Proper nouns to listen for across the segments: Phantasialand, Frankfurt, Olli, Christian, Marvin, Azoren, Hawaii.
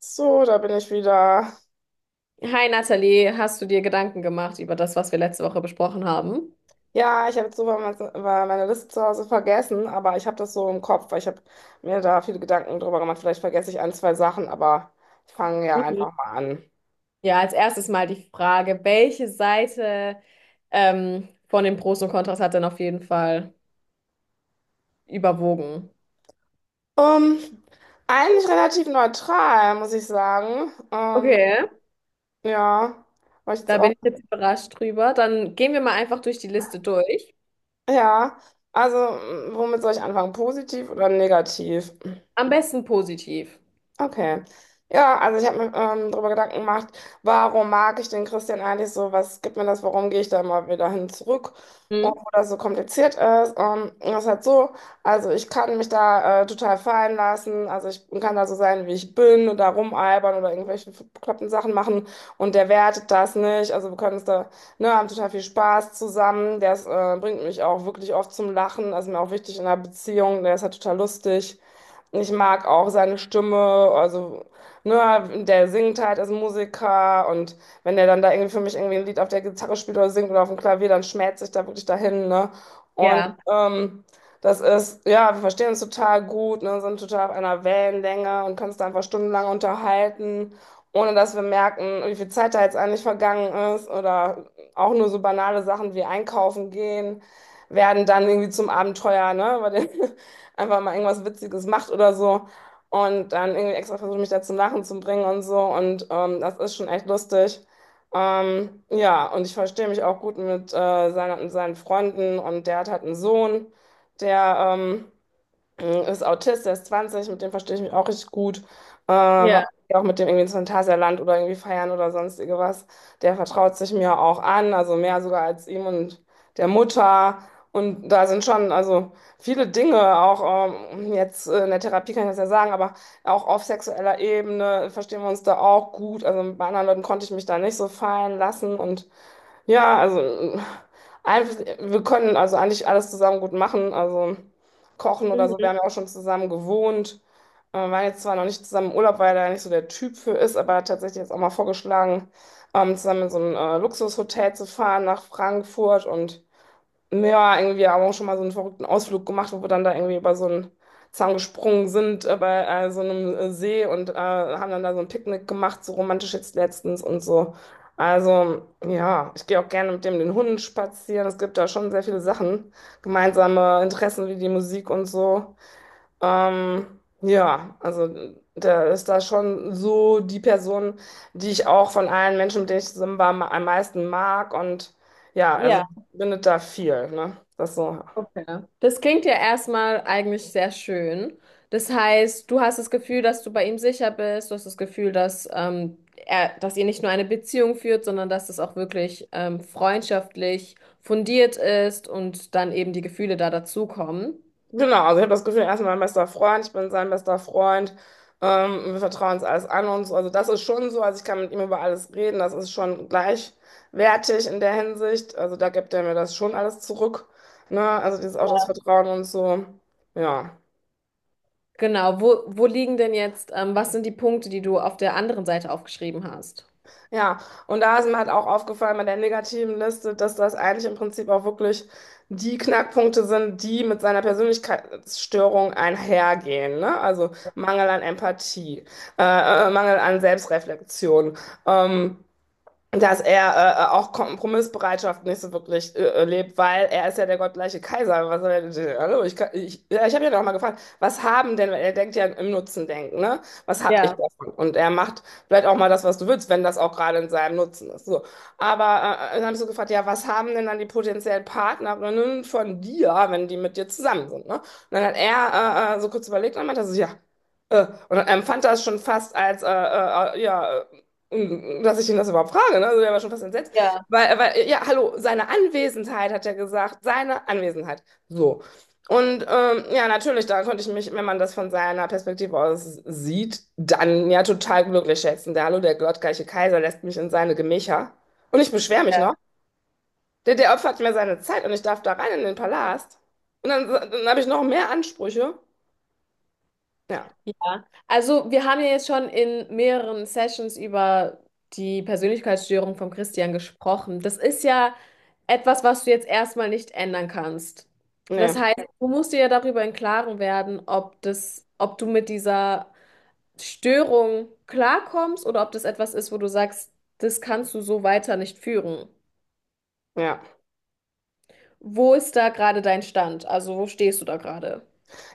So, da bin ich wieder. Hi Nathalie, hast du dir Gedanken gemacht über das, was wir letzte Woche besprochen haben? Ja, ich habe jetzt sogar meine Liste zu Hause vergessen, aber ich habe das so im Kopf, weil ich habe mir da viele Gedanken drüber gemacht. Vielleicht vergesse ich ein, zwei Sachen, aber ich fange ja Mhm. einfach mal an. Ja, als erstes mal die Frage, welche Seite von den Pros und Kontras hat denn auf jeden Fall überwogen? Ähm, Eigentlich relativ neutral, muss ich sagen. Okay. Ja, weil ich jetzt Da auch. bin ich jetzt überrascht drüber. Dann gehen wir mal einfach durch die Liste durch. Ja, also, womit soll ich anfangen? Positiv oder negativ? Am besten positiv. Okay. Ja, also ich habe mir darüber Gedanken gemacht, warum mag ich den Christian eigentlich so? Was gibt mir das? Warum gehe ich da mal wieder hin zurück? Mhm. Obwohl das so kompliziert ist. Und das ist halt so, also ich kann mich da total fallen lassen. Also ich kann da so sein, wie ich bin und da rumalbern oder irgendwelche bekloppten Sachen machen. Und der wertet das nicht. Also wir können uns da, ne, haben total viel Spaß zusammen. Der ist, bringt mich auch wirklich oft zum Lachen. Also mir auch wichtig in einer Beziehung. Der ist halt total lustig. Ich mag auch seine Stimme, also ne, der singt halt als Musiker und wenn der dann da irgendwie für mich irgendwie ein Lied auf der Gitarre spielt oder singt oder auf dem Klavier, dann schmerzt sich da wirklich dahin, ne? Und Ja. Das ist, ja, wir verstehen uns total gut, ne, sind total auf einer Wellenlänge und können uns da einfach stundenlang unterhalten, ohne dass wir merken, wie viel Zeit da jetzt eigentlich vergangen ist oder auch nur so banale Sachen wie einkaufen gehen, werden dann irgendwie zum Abenteuer, ne? Bei den einfach mal irgendwas Witziges macht oder so. Und dann irgendwie extra versucht, mich da zum Lachen zu bringen und so. Und das ist schon echt lustig. Ja, und ich verstehe mich auch gut mit seinen Freunden. Und der hat halt einen Sohn, der ist Autist, der ist 20, mit dem verstehe ich mich auch richtig gut. Ja. War auch mit dem irgendwie ins Phantasialand oder irgendwie feiern oder sonstige was. Der vertraut sich mir auch an, also mehr sogar als ihm und der Mutter. Und da sind schon also viele Dinge, auch jetzt in der Therapie kann ich das ja sagen, aber auch auf sexueller Ebene verstehen wir uns da auch gut. Also bei anderen Leuten konnte ich mich da nicht so fallen lassen und ja, also einfach, wir können also eigentlich alles zusammen gut machen. Also kochen oder so, wir Mhm. haben ja auch schon zusammen gewohnt. Waren jetzt zwar noch nicht zusammen im Urlaub, weil er nicht so der Typ für ist, aber tatsächlich jetzt auch mal vorgeschlagen, zusammen in so ein Luxushotel zu fahren nach Frankfurt und ja, irgendwie, wir haben auch schon mal so einen verrückten Ausflug gemacht, wo wir dann da irgendwie über so einen Zaun gesprungen sind, bei so einem See und haben dann da so ein Picknick gemacht, so romantisch jetzt letztens und so. Also, ja, ich gehe auch gerne mit dem den Hunden spazieren. Es gibt da schon sehr viele Sachen, gemeinsame Interessen wie die Musik und so. Ja, also da ist da schon so die Person, die ich auch von allen Menschen, mit denen ich zusammen war, am meisten mag. Und ja, also Ja. bindet da viel, ne? Das so. Okay. Das klingt ja erstmal eigentlich sehr schön. Das heißt, du hast das Gefühl, dass du bei ihm sicher bist, du hast das Gefühl, dass, er, dass ihr nicht nur eine Beziehung führt, sondern dass das auch wirklich freundschaftlich fundiert ist und dann eben die Gefühle da dazukommen. Genau, also ich habe das Gefühl, er ist mein bester Freund, ich bin sein bester Freund. Wir vertrauen uns alles an und so. Also das ist schon so, also ich kann mit ihm über alles reden, das ist schon gleichwertig in der Hinsicht. Also da gibt er mir das schon alles zurück, ne? Also dieses auch das Vertrauen und so. Ja. Genau, wo liegen denn jetzt, was sind die Punkte, die du auf der anderen Seite aufgeschrieben hast? Ja, und da ist mir halt auch aufgefallen bei der negativen Liste, dass das eigentlich im Prinzip auch wirklich die Knackpunkte sind, die mit seiner Persönlichkeitsstörung einhergehen, ne? Also Mangel an Empathie, äh, Mangel an Selbstreflexion. Ähm, Dass er auch Kompromissbereitschaft nicht so wirklich lebt, weil er ist ja der gottgleiche Kaiser. Was soll er denn, hallo, ich, ja, ich habe ja noch mal gefragt, was haben denn, weil er denkt ja im Nutzen denken, ne? Was habe ich Ja, davon? Und er macht vielleicht auch mal das, was du willst, wenn das auch gerade in seinem Nutzen ist. So. Aber dann habe ich so gefragt, ja, was haben denn dann die potenziellen Partnerinnen von dir, wenn die mit dir zusammen sind, ne? Und dann hat er so kurz überlegt und meinte so, ja. Und fand das schon fast als ja, dass ich ihn das überhaupt frage, ne? Also der war schon fast entsetzt. ja, Weil, ja, hallo, seine Anwesenheit, hat er gesagt, seine Anwesenheit. So. Und ja, natürlich, da konnte ich mich, wenn man das von seiner Perspektive aus sieht, dann ja total glücklich schätzen. Der Hallo, der gottgleiche Kaiser lässt mich in seine Gemächer. Und ich beschwere mich noch. ja. Der opfert mir seine Zeit und ich darf da rein in den Palast. Dann habe ich noch mehr Ansprüche. Ja, Ja, also wir haben ja jetzt schon in mehreren Sessions über die Persönlichkeitsstörung von Christian gesprochen. Das ist ja etwas, was du jetzt erstmal nicht ändern kannst. Das nee, heißt, du musst dir ja darüber im Klaren werden, ob du mit dieser Störung klarkommst oder ob das etwas ist, wo du sagst, das kannst du so weiter nicht führen. ja. Wo ist da gerade dein Stand? Also wo stehst du da gerade?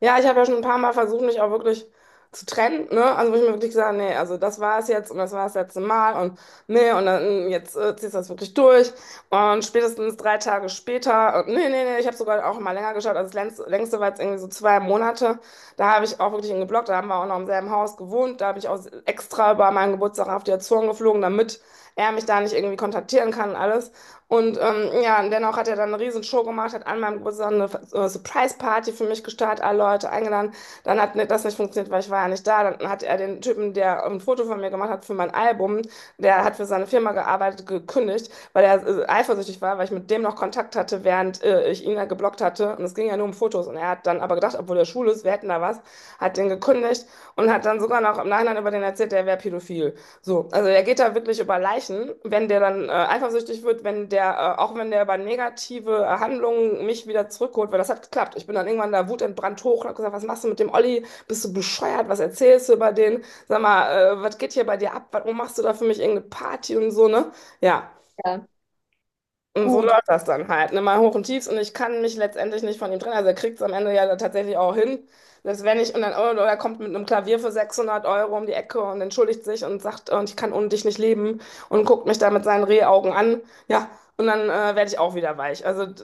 Ja, ich habe ja schon ein paar Mal versucht, mich auch wirklich zu trennen, ne? Also wo ich mir wirklich gesagt habe, nee, also das war es jetzt und das war das letzte Mal und nee, und dann jetzt ziehst du das wirklich durch. Und spätestens drei Tage später, und nee, nee, nee, ich habe sogar auch mal länger geschaut, also das längste war jetzt irgendwie so zwei Monate. Da habe ich auch wirklich ihn geblockt, da haben wir auch noch im selben Haus gewohnt, da habe ich auch extra über meinen Geburtstag auf die Azoren geflogen, damit er mich da nicht irgendwie kontaktieren kann und alles. Und ja, und dennoch hat er dann eine riesen Show gemacht, hat an meinem Geburtstag eine Surprise-Party für mich gestartet, alle Leute eingeladen. Dann hat das nicht funktioniert, weil ich war ja nicht da. Dann hat er den Typen, der ein Foto von mir gemacht hat für mein Album, der hat für seine Firma gearbeitet, gekündigt, weil er eifersüchtig war, weil ich mit dem noch Kontakt hatte, während ich ihn ja geblockt hatte. Und es ging ja nur um Fotos. Und er hat dann aber gedacht, obwohl er schwul ist, wir hätten da was, hat den gekündigt und hat dann sogar noch im Nachhinein über den erzählt, der wäre pädophil. So, also er geht da wirklich über Leichen, wenn der dann eifersüchtig wird, wenn auch wenn der über negative Handlungen mich wieder zurückholt, weil das hat geklappt. Ich bin dann irgendwann da wutentbrannt hoch und hab gesagt, was machst du mit dem Olli? Bist du bescheuert? Was erzählst du über den? Sag mal, was geht hier bei dir ab? Warum machst du da für mich irgendeine Party und so, ne? Ja. Ja, Und so gut. läuft das dann halt. Ne? Mal hoch und tiefs und ich kann mich letztendlich nicht von ihm trennen. Also er kriegt es am Ende ja dann tatsächlich auch hin. Das wenn ich und dann, oder er kommt mit einem Klavier für 600 € um die Ecke und entschuldigt sich und sagt, und ich kann ohne dich nicht leben und guckt mich da mit seinen Rehaugen an. Ja, und dann werde ich auch wieder weich. Also,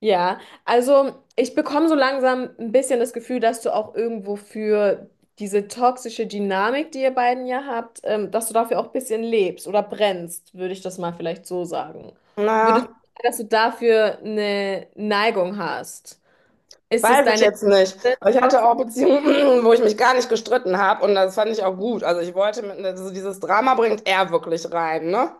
Ja, also ich bekomme so langsam ein bisschen das Gefühl, dass du auch irgendwo für diese toxische Dynamik, die ihr beiden ja habt, dass du dafür auch ein bisschen lebst oder brennst, würde ich das mal vielleicht so sagen. Würdest naja, du sagen, dass du dafür eine Neigung hast? Ist es weiß ich deine jetzt nicht. erste Aber ich hatte toxische auch Beziehung? Beziehungen, wo ich mich gar nicht gestritten habe und das fand ich auch gut. Also ich wollte mit, also dieses Drama bringt er wirklich rein, ne?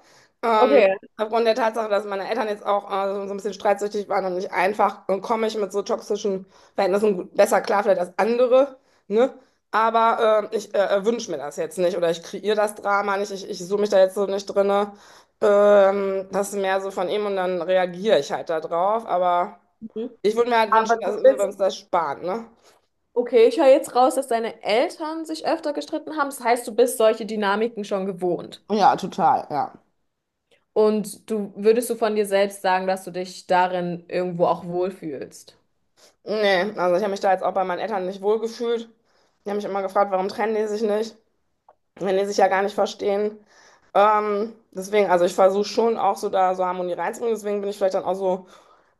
Ähm, Okay. Aufgrund der Tatsache, dass meine Eltern jetzt auch so ein bisschen streitsüchtig waren und nicht einfach, komme ich mit so toxischen Verhältnissen besser klar vielleicht als andere, ne? Aber ich wünsche mir das jetzt nicht oder ich kreiere das Drama nicht, ich suche mich da jetzt so nicht drinne. Das ist mehr so von ihm und dann reagiere ich halt da drauf, aber. Mhm. Ich würde mir halt Aber wünschen, dass du wir bist. uns das sparen, ne? Okay, ich höre jetzt raus, dass deine Eltern sich öfter gestritten haben. Das heißt, du bist solche Dynamiken schon gewohnt. Ja, total, ja. Und du würdest du von dir selbst sagen, dass du dich darin irgendwo auch wohlfühlst? Nee, also ich habe mich da jetzt auch bei meinen Eltern nicht wohlgefühlt. Die haben mich immer gefragt, warum trennen die sich nicht, wenn die sich ja gar nicht verstehen. Deswegen, also ich versuche schon auch so da so Harmonie reinzubringen. Deswegen bin ich vielleicht dann auch so,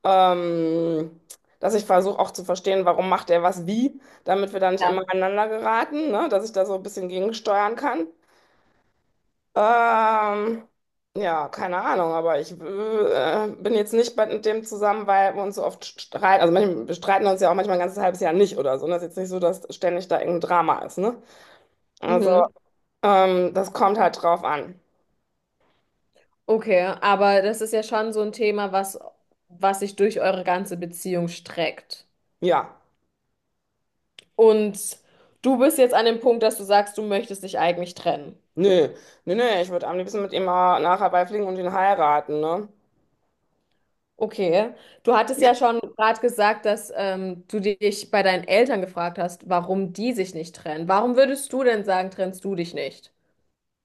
ähm, dass ich versuche auch zu verstehen, warum macht der was wie, damit wir da nicht immer Ja. aneinander geraten, ne? Dass ich da so ein bisschen gegensteuern kann. Ähm, ja, keine Ahnung, aber ich bin jetzt nicht bei dem zusammen, weil wir uns so oft streiten. Also manchmal, wir streiten uns ja auch manchmal ein ganzes halbes Jahr nicht oder so. Und das ist jetzt nicht so, dass ständig da irgendein Drama ist, ne? Also, Mhm. Das kommt halt drauf an. Okay, aber das ist ja schon so ein Thema, was sich durch eure ganze Beziehung streckt. Ja. Und du bist jetzt an dem Punkt, dass du sagst, du möchtest dich eigentlich trennen. Nö, nö, nö, ich würde am liebsten mit ihm mal nachher Hawaii fliegen und ihn heiraten, ne? Okay, du hattest ja schon gerade gesagt, dass du dich bei deinen Eltern gefragt hast, warum die sich nicht trennen. Warum würdest du denn sagen, trennst du dich nicht?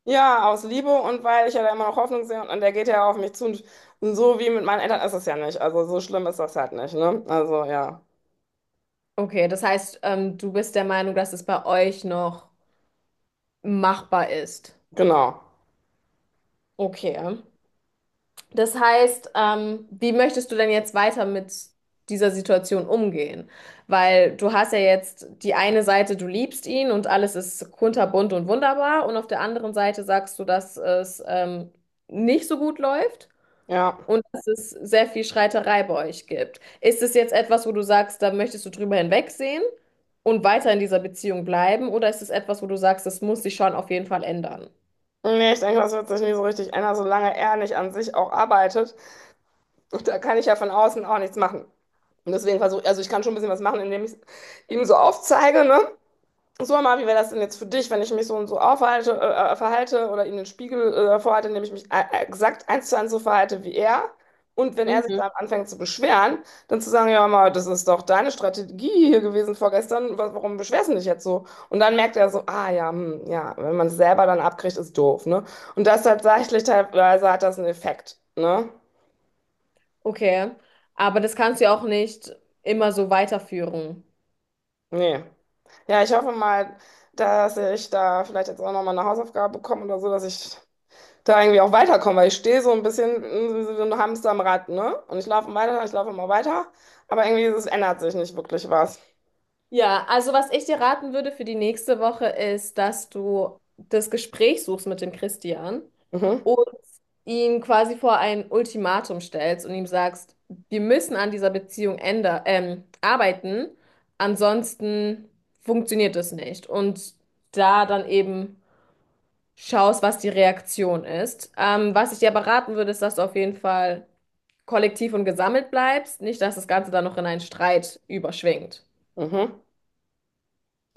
Ja, aus Liebe und weil ich ja da immer noch Hoffnung sehe und der geht ja auf mich zu und so wie mit meinen Eltern ist es ja nicht. Also so schlimm ist das halt nicht, ne? Also ja, Okay, das heißt, du bist der Meinung, dass es bei euch noch machbar ist. genau. Okay. Das heißt, wie möchtest du denn jetzt weiter mit dieser Situation umgehen? Weil du hast ja jetzt die eine Seite, du liebst ihn und alles ist kunterbunt und wunderbar, und auf der anderen Seite sagst du, dass es nicht so gut läuft Ja. und dass es sehr viel Streiterei bei euch gibt. Ist es jetzt etwas, wo du sagst, da möchtest du drüber hinwegsehen und weiter in dieser Beziehung bleiben, oder ist es etwas, wo du sagst, das muss sich schon auf jeden Fall ändern? Nee, ich denke, das wird sich nie so richtig ändern, solange er nicht an sich auch arbeitet. Und da kann ich ja von außen auch nichts machen. Und deswegen versuche, also ich kann schon ein bisschen was machen, indem ich ihm so aufzeige, ne? So, Marvin, wie wäre das denn jetzt für dich, wenn ich mich so und so aufhalte, verhalte oder ihm den Spiegel vorhalte, indem ich mich exakt 1:1 so verhalte wie er? Und wenn er sich Mhm. dann anfängt zu beschweren, dann zu sagen, ja, mal, das ist doch deine Strategie hier gewesen vorgestern, warum beschwerst du dich jetzt so? Und dann merkt er so, ah ja, hm, ja, wenn man es selber dann abkriegt, ist doof, ne? Und das tatsächlich teilweise hat das einen Effekt, ne? Okay, aber das kannst du auch nicht immer so weiterführen. Nee. Ja, ich hoffe mal, dass ich da vielleicht jetzt auch nochmal eine Hausaufgabe bekomme oder so, dass ich da irgendwie auch weiterkommen, weil ich stehe so ein bisschen wie so ein Hamster am Rad, ne? Und ich laufe weiter, ich laufe immer weiter, aber irgendwie es ändert sich nicht wirklich was. Ja, also was ich dir raten würde für die nächste Woche ist, dass du das Gespräch suchst mit dem Christian Mhm, und ihn quasi vor ein Ultimatum stellst und ihm sagst, wir müssen an dieser Beziehung änder arbeiten, ansonsten funktioniert es nicht. Und da dann eben schaust, was die Reaktion ist. Was ich dir aber raten würde, ist, dass du auf jeden Fall kollektiv und gesammelt bleibst, nicht, dass das Ganze dann noch in einen Streit überschwingt. mhm,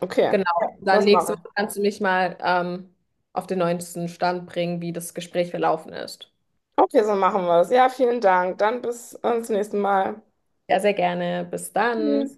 okay, Genau. ja, Dann das mache nächste Woche ich. kannst du mich mal auf den neuesten Stand bringen, wie das Gespräch verlaufen ist. Okay, so machen wir das. Ja, vielen Dank. Dann bis zum nächsten Mal. Ja, sehr gerne. Bis Tschüss. dann.